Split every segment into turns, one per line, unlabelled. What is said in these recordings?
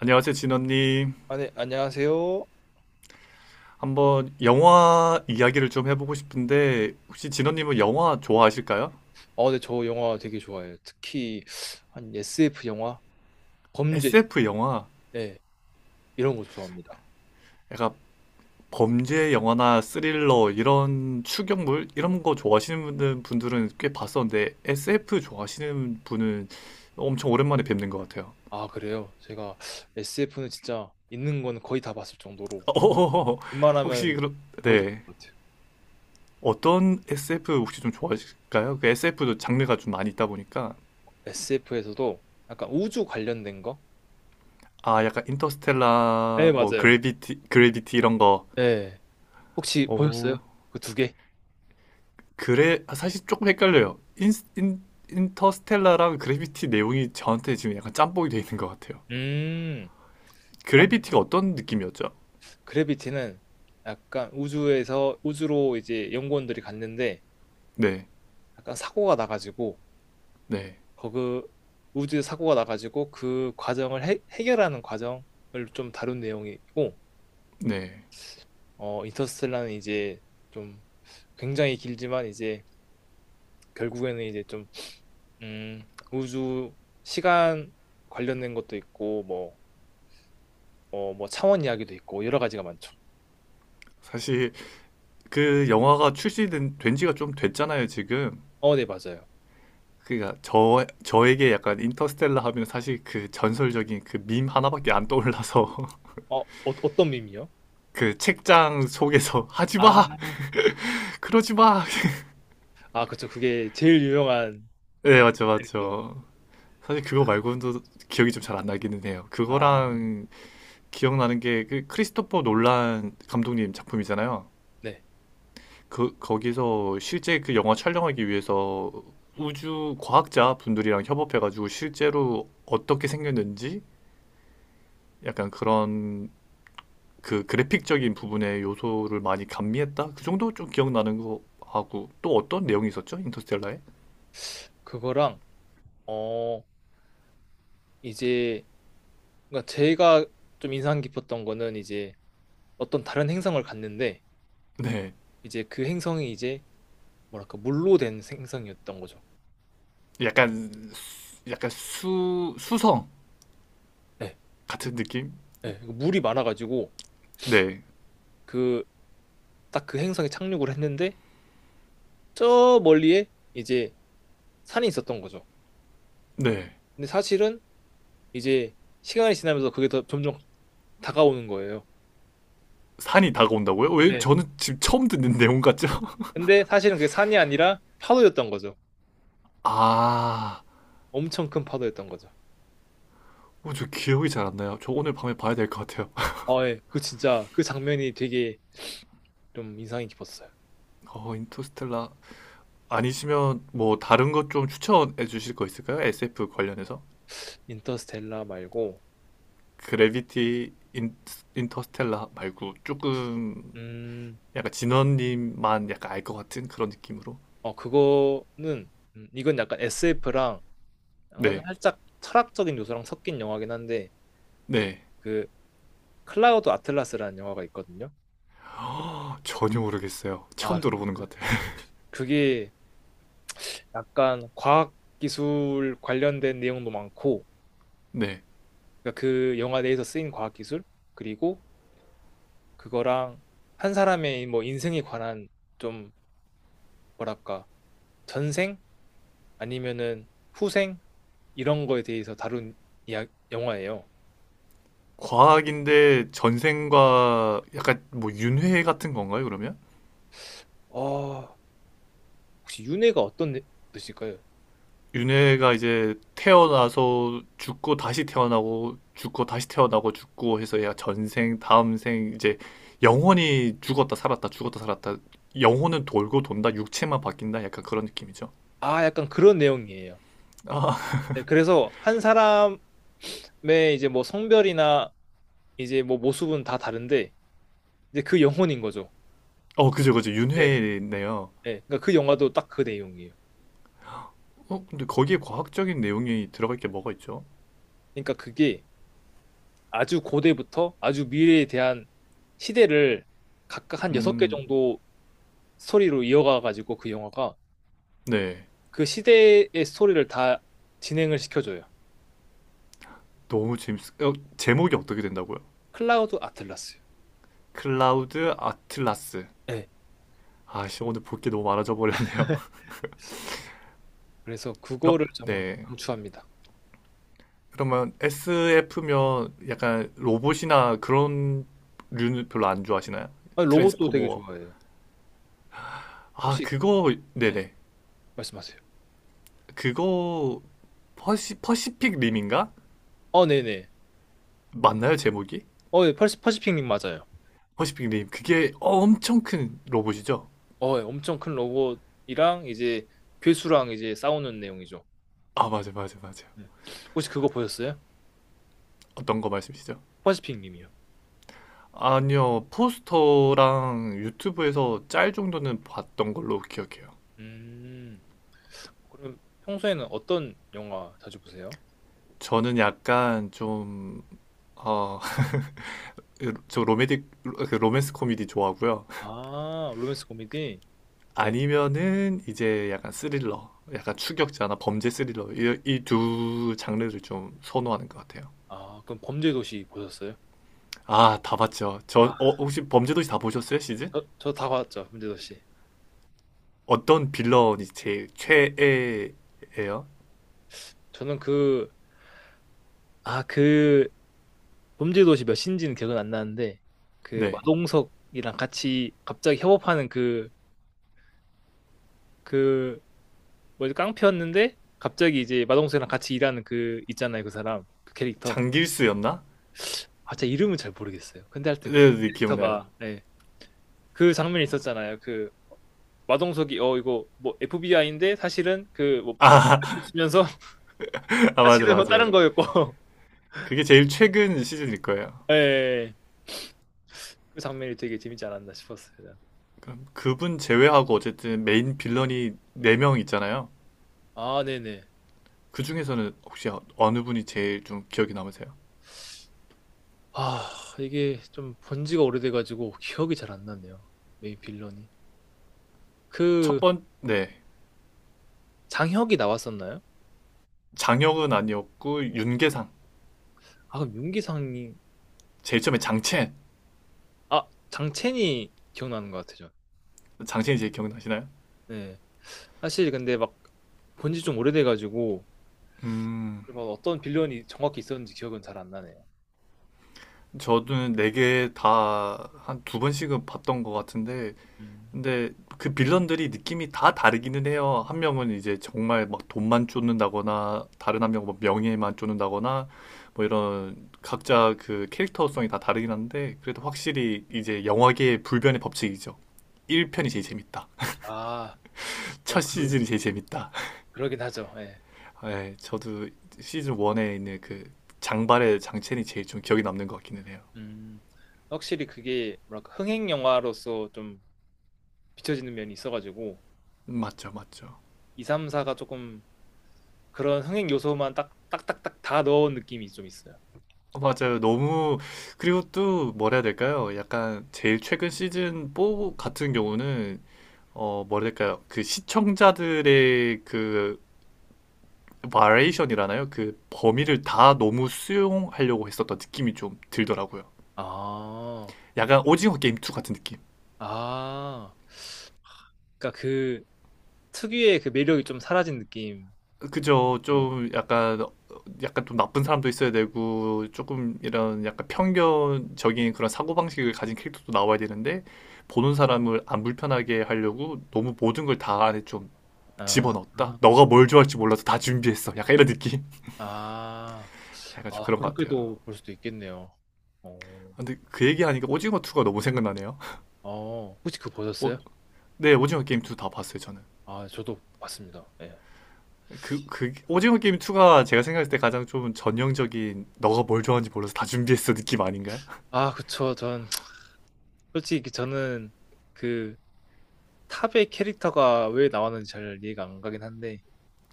안녕하세요, 진원님.
아, 네, 안녕하세요.
한번 영화 이야기를 좀 해보고 싶은데, 혹시 진원님은 영화 좋아하실까요?
네, 저 영화 되게 좋아해요. 특히 한 SF 영화, 범죄,
SF 영화,
네, 이런 거 좋아합니다.
약간 범죄 영화나 스릴러, 이런 추격물, 이런 거 좋아하시는 분들은 꽤 봤었는데, SF 좋아하시는 분은 엄청 오랜만에 뵙는 것 같아요.
아, 그래요? 제가 SF는 진짜 있는 건 거의 다 봤을 정도로
어, 혹시,
웬만하면
그럼,
거의 다
네.
본 것 같아요.
어떤 SF 혹시 좀 좋아하실까요? 그 SF도 장르가 좀 많이 있다 보니까,
SF에서도 약간 우주 관련된 거?
아, 약간
네,
인터스텔라, 뭐,
맞아요.
그래비티, 그래비티 이런 거,
네, 혹시 보셨어요?
오,
그 2개?
그래 아, 사실 조금 헷갈려요. 인, 인터스텔라랑 그래비티 내용이 저한테 지금 약간 짬뽕이 돼 있는 것 같아요.
음, 약-
그래비티가 어떤 느낌이었죠?
그래비티는 약간 우주에서 우주로 이제 연구원들이 갔는데
네,
약간 사고가 나가지고
네,
거기 우주에 사고가 나가지고 그 과정을 해결하는 과정을 좀 다룬 내용이고,
네.
인터스텔라는 이제 좀 굉장히 길지만 이제 결국에는 이제 좀 우주 시간 관련된 것도 있고 뭐 뭐 차원 이야기도 있고 여러 가지가 많죠.
사실 그 영화가 출시된 된 지가 좀 됐잖아요, 지금.
네, 맞아요.
그러니까 저에게 약간 인터스텔라 하면 사실 그 전설적인 그 밈 하나밖에 안 떠올라서
어, 어 어떤 밈이요?
그 책장 속에서 하지
아,
마, 그러지 마.
아, 그쵸. 그게 제일 유명한
네, 맞죠,
거.
맞죠. 사실 그거 말고는 또 기억이 좀 잘 안 나기는 해요.
아,
그거랑 기억나는 게 그 크리스토퍼 놀란 감독님 작품이잖아요.
네.
그 거기서 실제 그 영화 촬영하기 위해서 우주 과학자 분들이랑 협업해가지고 실제로 어떻게 생겼는지 약간 그런 그 그래픽적인 부분의 요소를 많이 감미했다. 그 정도 좀 기억나는 거 하고 또 어떤 내용이 있었죠? 인터스텔라에?
그거랑 어 이제 그러니까 제가 좀 인상 깊었던 거는 이제 어떤 다른 행성을 갔는데,
네,
이제 그 행성이 이제 뭐랄까 물로 된 행성이었던 거죠.
약간 수 수성
네.
같은 느낌?
네. 물이 많아가지고,
네,
그 딱 그 행성에 착륙을 했는데 저 멀리에 이제 산이 있었던 거죠.
네.
근데 사실은 이제 시간이 지나면서 그게 더 점점 다가오는 거예요.
산이 다가온다고요? 왜
네.
저는 지금 처음 듣는 내용 같죠?
근데 사실은 그게 산이 아니라 파도였던 거죠.
아,
엄청 큰 파도였던 거죠.
어, 저 기억이 잘 안 나요. 저 오늘 밤에 봐야 될 것 같아요.
아, 예. 그 진짜 그 장면이 되게 좀 인상이 깊었어요.
어, 인터스텔라. 아니시면 뭐 다른 것 좀 추천해 주실 거 있을까요? SF 관련해서?
인터스텔라 말고,
그래비티 인, 인터스텔라 말고 조금
음,
약간 진원님만 약간 알 것 같은 그런 느낌으로.
그거는, 이건 약간 SF랑 약간
네,
살짝 철학적인 요소랑 섞인 영화긴 한데,
네.
그, 클라우드 아틀라스라는 영화가 있거든요.
허, 전혀 모르겠어요.
아,
처음 들어보는 것 같아요.
그게 약간 과학기술 관련된 내용도 많고,
네.
그러니까 그 영화 내에서 쓰인 과학기술, 그리고 그거랑 한 사람의 뭐 인생에 관한 좀, 뭐랄까, 전생? 아니면은 후생? 이런 거에 대해서 다룬 이야, 영화예요.
과학인데 전생과 약간 뭐 윤회 같은 건가요, 그러면?
어, 혹시 윤회가 어떤 뜻일까요?
윤회가 이제 태어나서 죽고 다시 태어나고 죽고 다시 태어나고 죽고 해서 얘가 전생, 다음 생 이제 영혼이 죽었다 살았다 죽었다 살았다 영혼은 돌고 돈다 육체만 바뀐다 약간 그런 느낌이죠.
아, 약간 그런 내용이에요.
아,
네, 그래서 한 사람의 이제 뭐 성별이나 이제 뭐 모습은 다 다른데 이제 그 영혼인 거죠.
어 그죠 그죠
네.
윤회네요.
네. 그러니까 그 영화도 딱 그 내용이에요.
어 근데 거기에 과학적인 내용이 들어갈 게 뭐가 있죠?
그러니까 그게 아주 고대부터 아주 미래에 대한 시대를 각각 한 6개
음,
정도 스토리로 이어가 가지고 그 영화가
네
그 시대의 스토리를 다 진행을 시켜줘요.
너무 재밌. 어, 제목이 어떻게 된다고요?
클라우드 아틀라스.
클라우드 아틀라스.
네.
아씨 오늘 볼 게 너무 많아져 버렸네요.
그래서
어,
그거를 정말
네
강추합니다.
그러면 SF면 약간 로봇이나 그런 류는 별로 안 좋아하시나요?
아니, 로봇도 되게
트랜스포머.
좋아해요.
아,
혹시,
그거,
네,
네네.
말씀하세요.
그거, 퍼시픽 림인가?
네네.
맞나요, 제목이?
예, 퍼시픽 님 맞아요.
퍼시픽 림. 그게 엄청 큰 로봇이죠?
예, 엄청 큰 로봇이랑 이제 괴수랑 이제 싸우는 내용이죠.
아, 맞아.
네. 혹시 그거 보셨어요?
어떤 거 말씀이시죠?
퍼시픽 님이요.
아니요, 포스터랑 유튜브에서 짤 정도는 봤던 걸로 기억해요.
음, 그럼 평소에는 어떤 영화 자주 보세요?
저는 약간 좀, 어, 저 로맨틱, 그 로맨스 코미디 좋아하고요.
아, 로맨스 코미디? 네.
아니면은 이제 약간 스릴러, 약간 추격자나 범죄 스릴러 이 두 장르를 좀 선호하는 것 같아요.
아, 그럼 범죄도시 보셨어요?
아, 다 봤죠.
아,
혹시 범죄도시 다 보셨어요, 시즌?
저 다 봤죠, 범죄도시.
어떤 빌런이 제일 최애예요?
저는 그, 아, 그 범죄도시 몇 신지는 기억은 안 나는데 그
네,
마동석이랑 같이 갑자기 협업하는 그 뭐지, 깡패였는데 갑자기 이제 마동석이랑 같이 일하는 그, 있잖아요, 그 사람, 그 캐릭터.
장길수였나?
아 진짜 이름은 잘 모르겠어요. 근데 하여튼 그
네, 네, 기억나요.
캐릭터가, 예, 그 장면이 있었잖아요. 그 마동석이 이거 뭐 FBI인데 사실은 그뭐 치면서,
아,
사실은 뭐
맞아요.
다른 거였고.
그게 제일 최근 시즌일 거예요.
예, 예, 예. 그 장면이 되게 재밌지 않았나 싶었어요.
그럼 그분 제외하고 어쨌든 메인 빌런이 네 명 있잖아요.
아, 네네.
그 중에서는 혹시 어느 분이 제일 좀 기억에 남으세요?
아, 이게 좀 본 지가 오래돼가지고 기억이 잘 안 나네요. 메인 빌런이. 그,
네.
장혁이 나왔었나요?
장혁은 아니었고 윤계상.
아, 그럼 윤기상이,
제일 처음에 장첸.
아, 장첸이 기억나는 것 같아요, 전.
장첸이 제일 기억나시나요?
네. 사실 근데 막 본 지 좀 오래돼가지고,
음.
그막 어떤 빌런이 정확히 있었는지 기억은 잘 안 나네요.
저도 네 개 다 한 두 번씩은 봤던 것 같은데,
음.
근데 그 빌런들이 느낌이 다 다르기는 해요. 한 명은 이제 정말 막 돈만 쫓는다거나, 다른 한 명은 뭐 명예만 쫓는다거나, 뭐 이런 각자 그 캐릭터성이 다 다르긴 한데, 그래도 확실히 이제 영화계의 불변의 법칙이죠. 1편이 제일 재밌다.
아, 어,
첫
그러긴,
시즌이 제일 재밌다.
그러긴 하죠. 예.
네, 저도 시즌 1에 있는 그 장발의 장첸이 제일 좀 기억에 남는 것 같기는 해요.
음. 확실히 그게, 뭐랄까, 흥행 영화로서 좀 비춰지는 면이 있어가지고,
맞죠, 맞죠.
2, 3, 4가 조금 그런 흥행 요소만 딱 딱딱딱 다 넣은 느낌이 좀 있어요.
어, 맞아요. 너무 그리고 또 뭐라 해야 될까요? 약간 제일 최근 시즌 4 같은 경우는 어 뭐라 해야 될까요? 그 시청자들의 그 바리에이션이라나요? 그 범위를 다 너무 수용하려고 했었던 느낌이 좀 들더라고요.
아,
약간 오징어 게임 2 같은 느낌.
아, 그러니까 그 특유의 그 매력이 좀 사라진 느낌.
그죠.
좀,
약간 좀 나쁜 사람도 있어야 되고 조금 이런 약간 편견적인 그런 사고방식을 가진 캐릭터도 나와야 되는데 보는 사람을 안 불편하게 하려고 너무 모든 걸 다 안에 좀
아,
집어넣었다. 너가 뭘 좋아할지 몰라서 다 준비했어. 약간 이런 느낌.
아,
약간 좀
아,
그런 것 같아요.
그렇게도 볼 수도 있겠네요. 어,
아, 근데 그 얘기하니까 오징어 2가 너무 생각나네요.
혹시 그거
오,
보셨어요?
네, 오징어 게임 2 다 봤어요, 저는.
아, 저도 봤습니다. 예.
오징어 게임 2가 제가 생각했을 때 가장 좀 전형적인 너가 뭘 좋아하는지 몰라서 다 준비했어 느낌 아닌가요?
아, 그쵸. 전 솔직히 저는 그 탑의 캐릭터가 왜 나왔는지 잘 이해가 안 가긴 한데,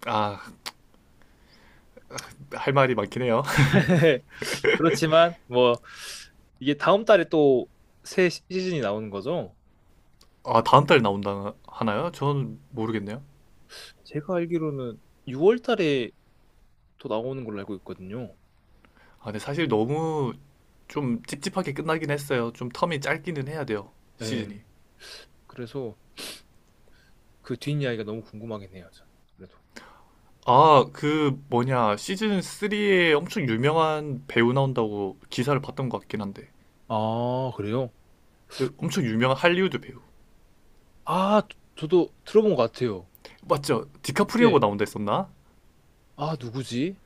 아, 할 말이 많긴 해요.
그렇지만 뭐 이게 다음 달에 또 새 시즌이 나오는 거죠?
아, 다음 달 나온다 하나요? 전 모르겠네요.
제가 알기로는 6월 달에 또 나오는 걸로 알고 있거든요.
아, 근데 사실 너무 좀 찝찝하게 끝나긴 했어요. 좀 텀이 짧기는 해야 돼요.
네,
시즌이.
그래서 그 뒷이야기가 너무 궁금하긴 해요. 그래도.
아, 그 뭐냐. 시즌 3에 엄청 유명한 배우 나온다고 기사를 봤던 것 같긴 한데.
아, 그래요?
그 엄청 유명한 할리우드 배우.
아, 저도 들어본 것 같아요.
맞죠? 디카프리오가
네.
나온다 했었나?
아, 누구지?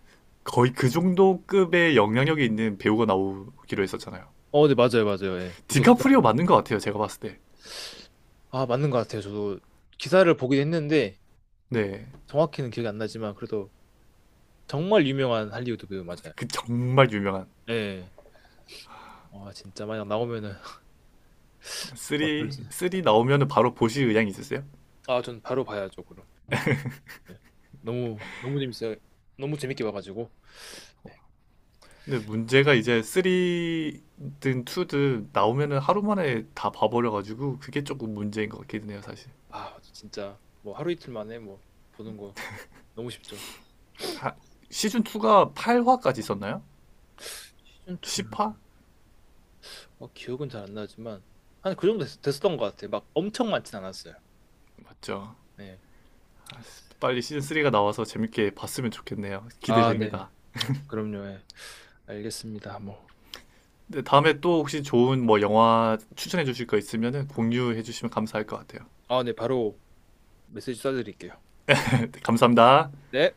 거의 그 정도 급의 영향력이 있는 배우가 나오기로 했었잖아요.
네, 맞아요, 맞아요. 예.
디카프리오 맞는 것 같아요. 제가 봤을 때.
아, 맞는 것 같아요. 저도 기사를 보긴 했는데
네.
정확히는 기억이 안 나지만 그래도 정말 유명한 할리우드 배우 맞아요.
그 정말 유명한.
예. 와, 진짜 만약 나오면은 어떨지.
쓰리 나오면은 바로 보실 의향이 있으세요?
아, 전 바로 봐야죠, 그럼. 네. 너무 너무 재밌어요. 너무 재밌게 봐가지고,
근데 문제가 이제 쓰리든 투든 나오면은 하루 만에 다 봐버려가지고 그게 조금 문제인 것 같기는 해요 사실
아 진짜 뭐 하루 이틀 만에 뭐 보는 거 너무 쉽죠.
하- 시즌 2가 8화까지 있었나요?
시즌 2는
10화?
기억은 잘 안 나지만 한 그 정도 었던것 같아요. 막 엄청 많진 않았어요.
맞죠
네.
아, 빨리 시즌 3가 나와서 재밌게 봤으면 좋겠네요.
아, 네.
기대됩니다.
그럼요. 예. 알겠습니다. 뭐.
근데 다음에 또 혹시 좋은 뭐 영화 추천해 주실 거 있으면은 공유해 주시면 감사할 것 같아요.
아, 네. 바로 메시지 써드릴게요.
네, 감사합니다.
네.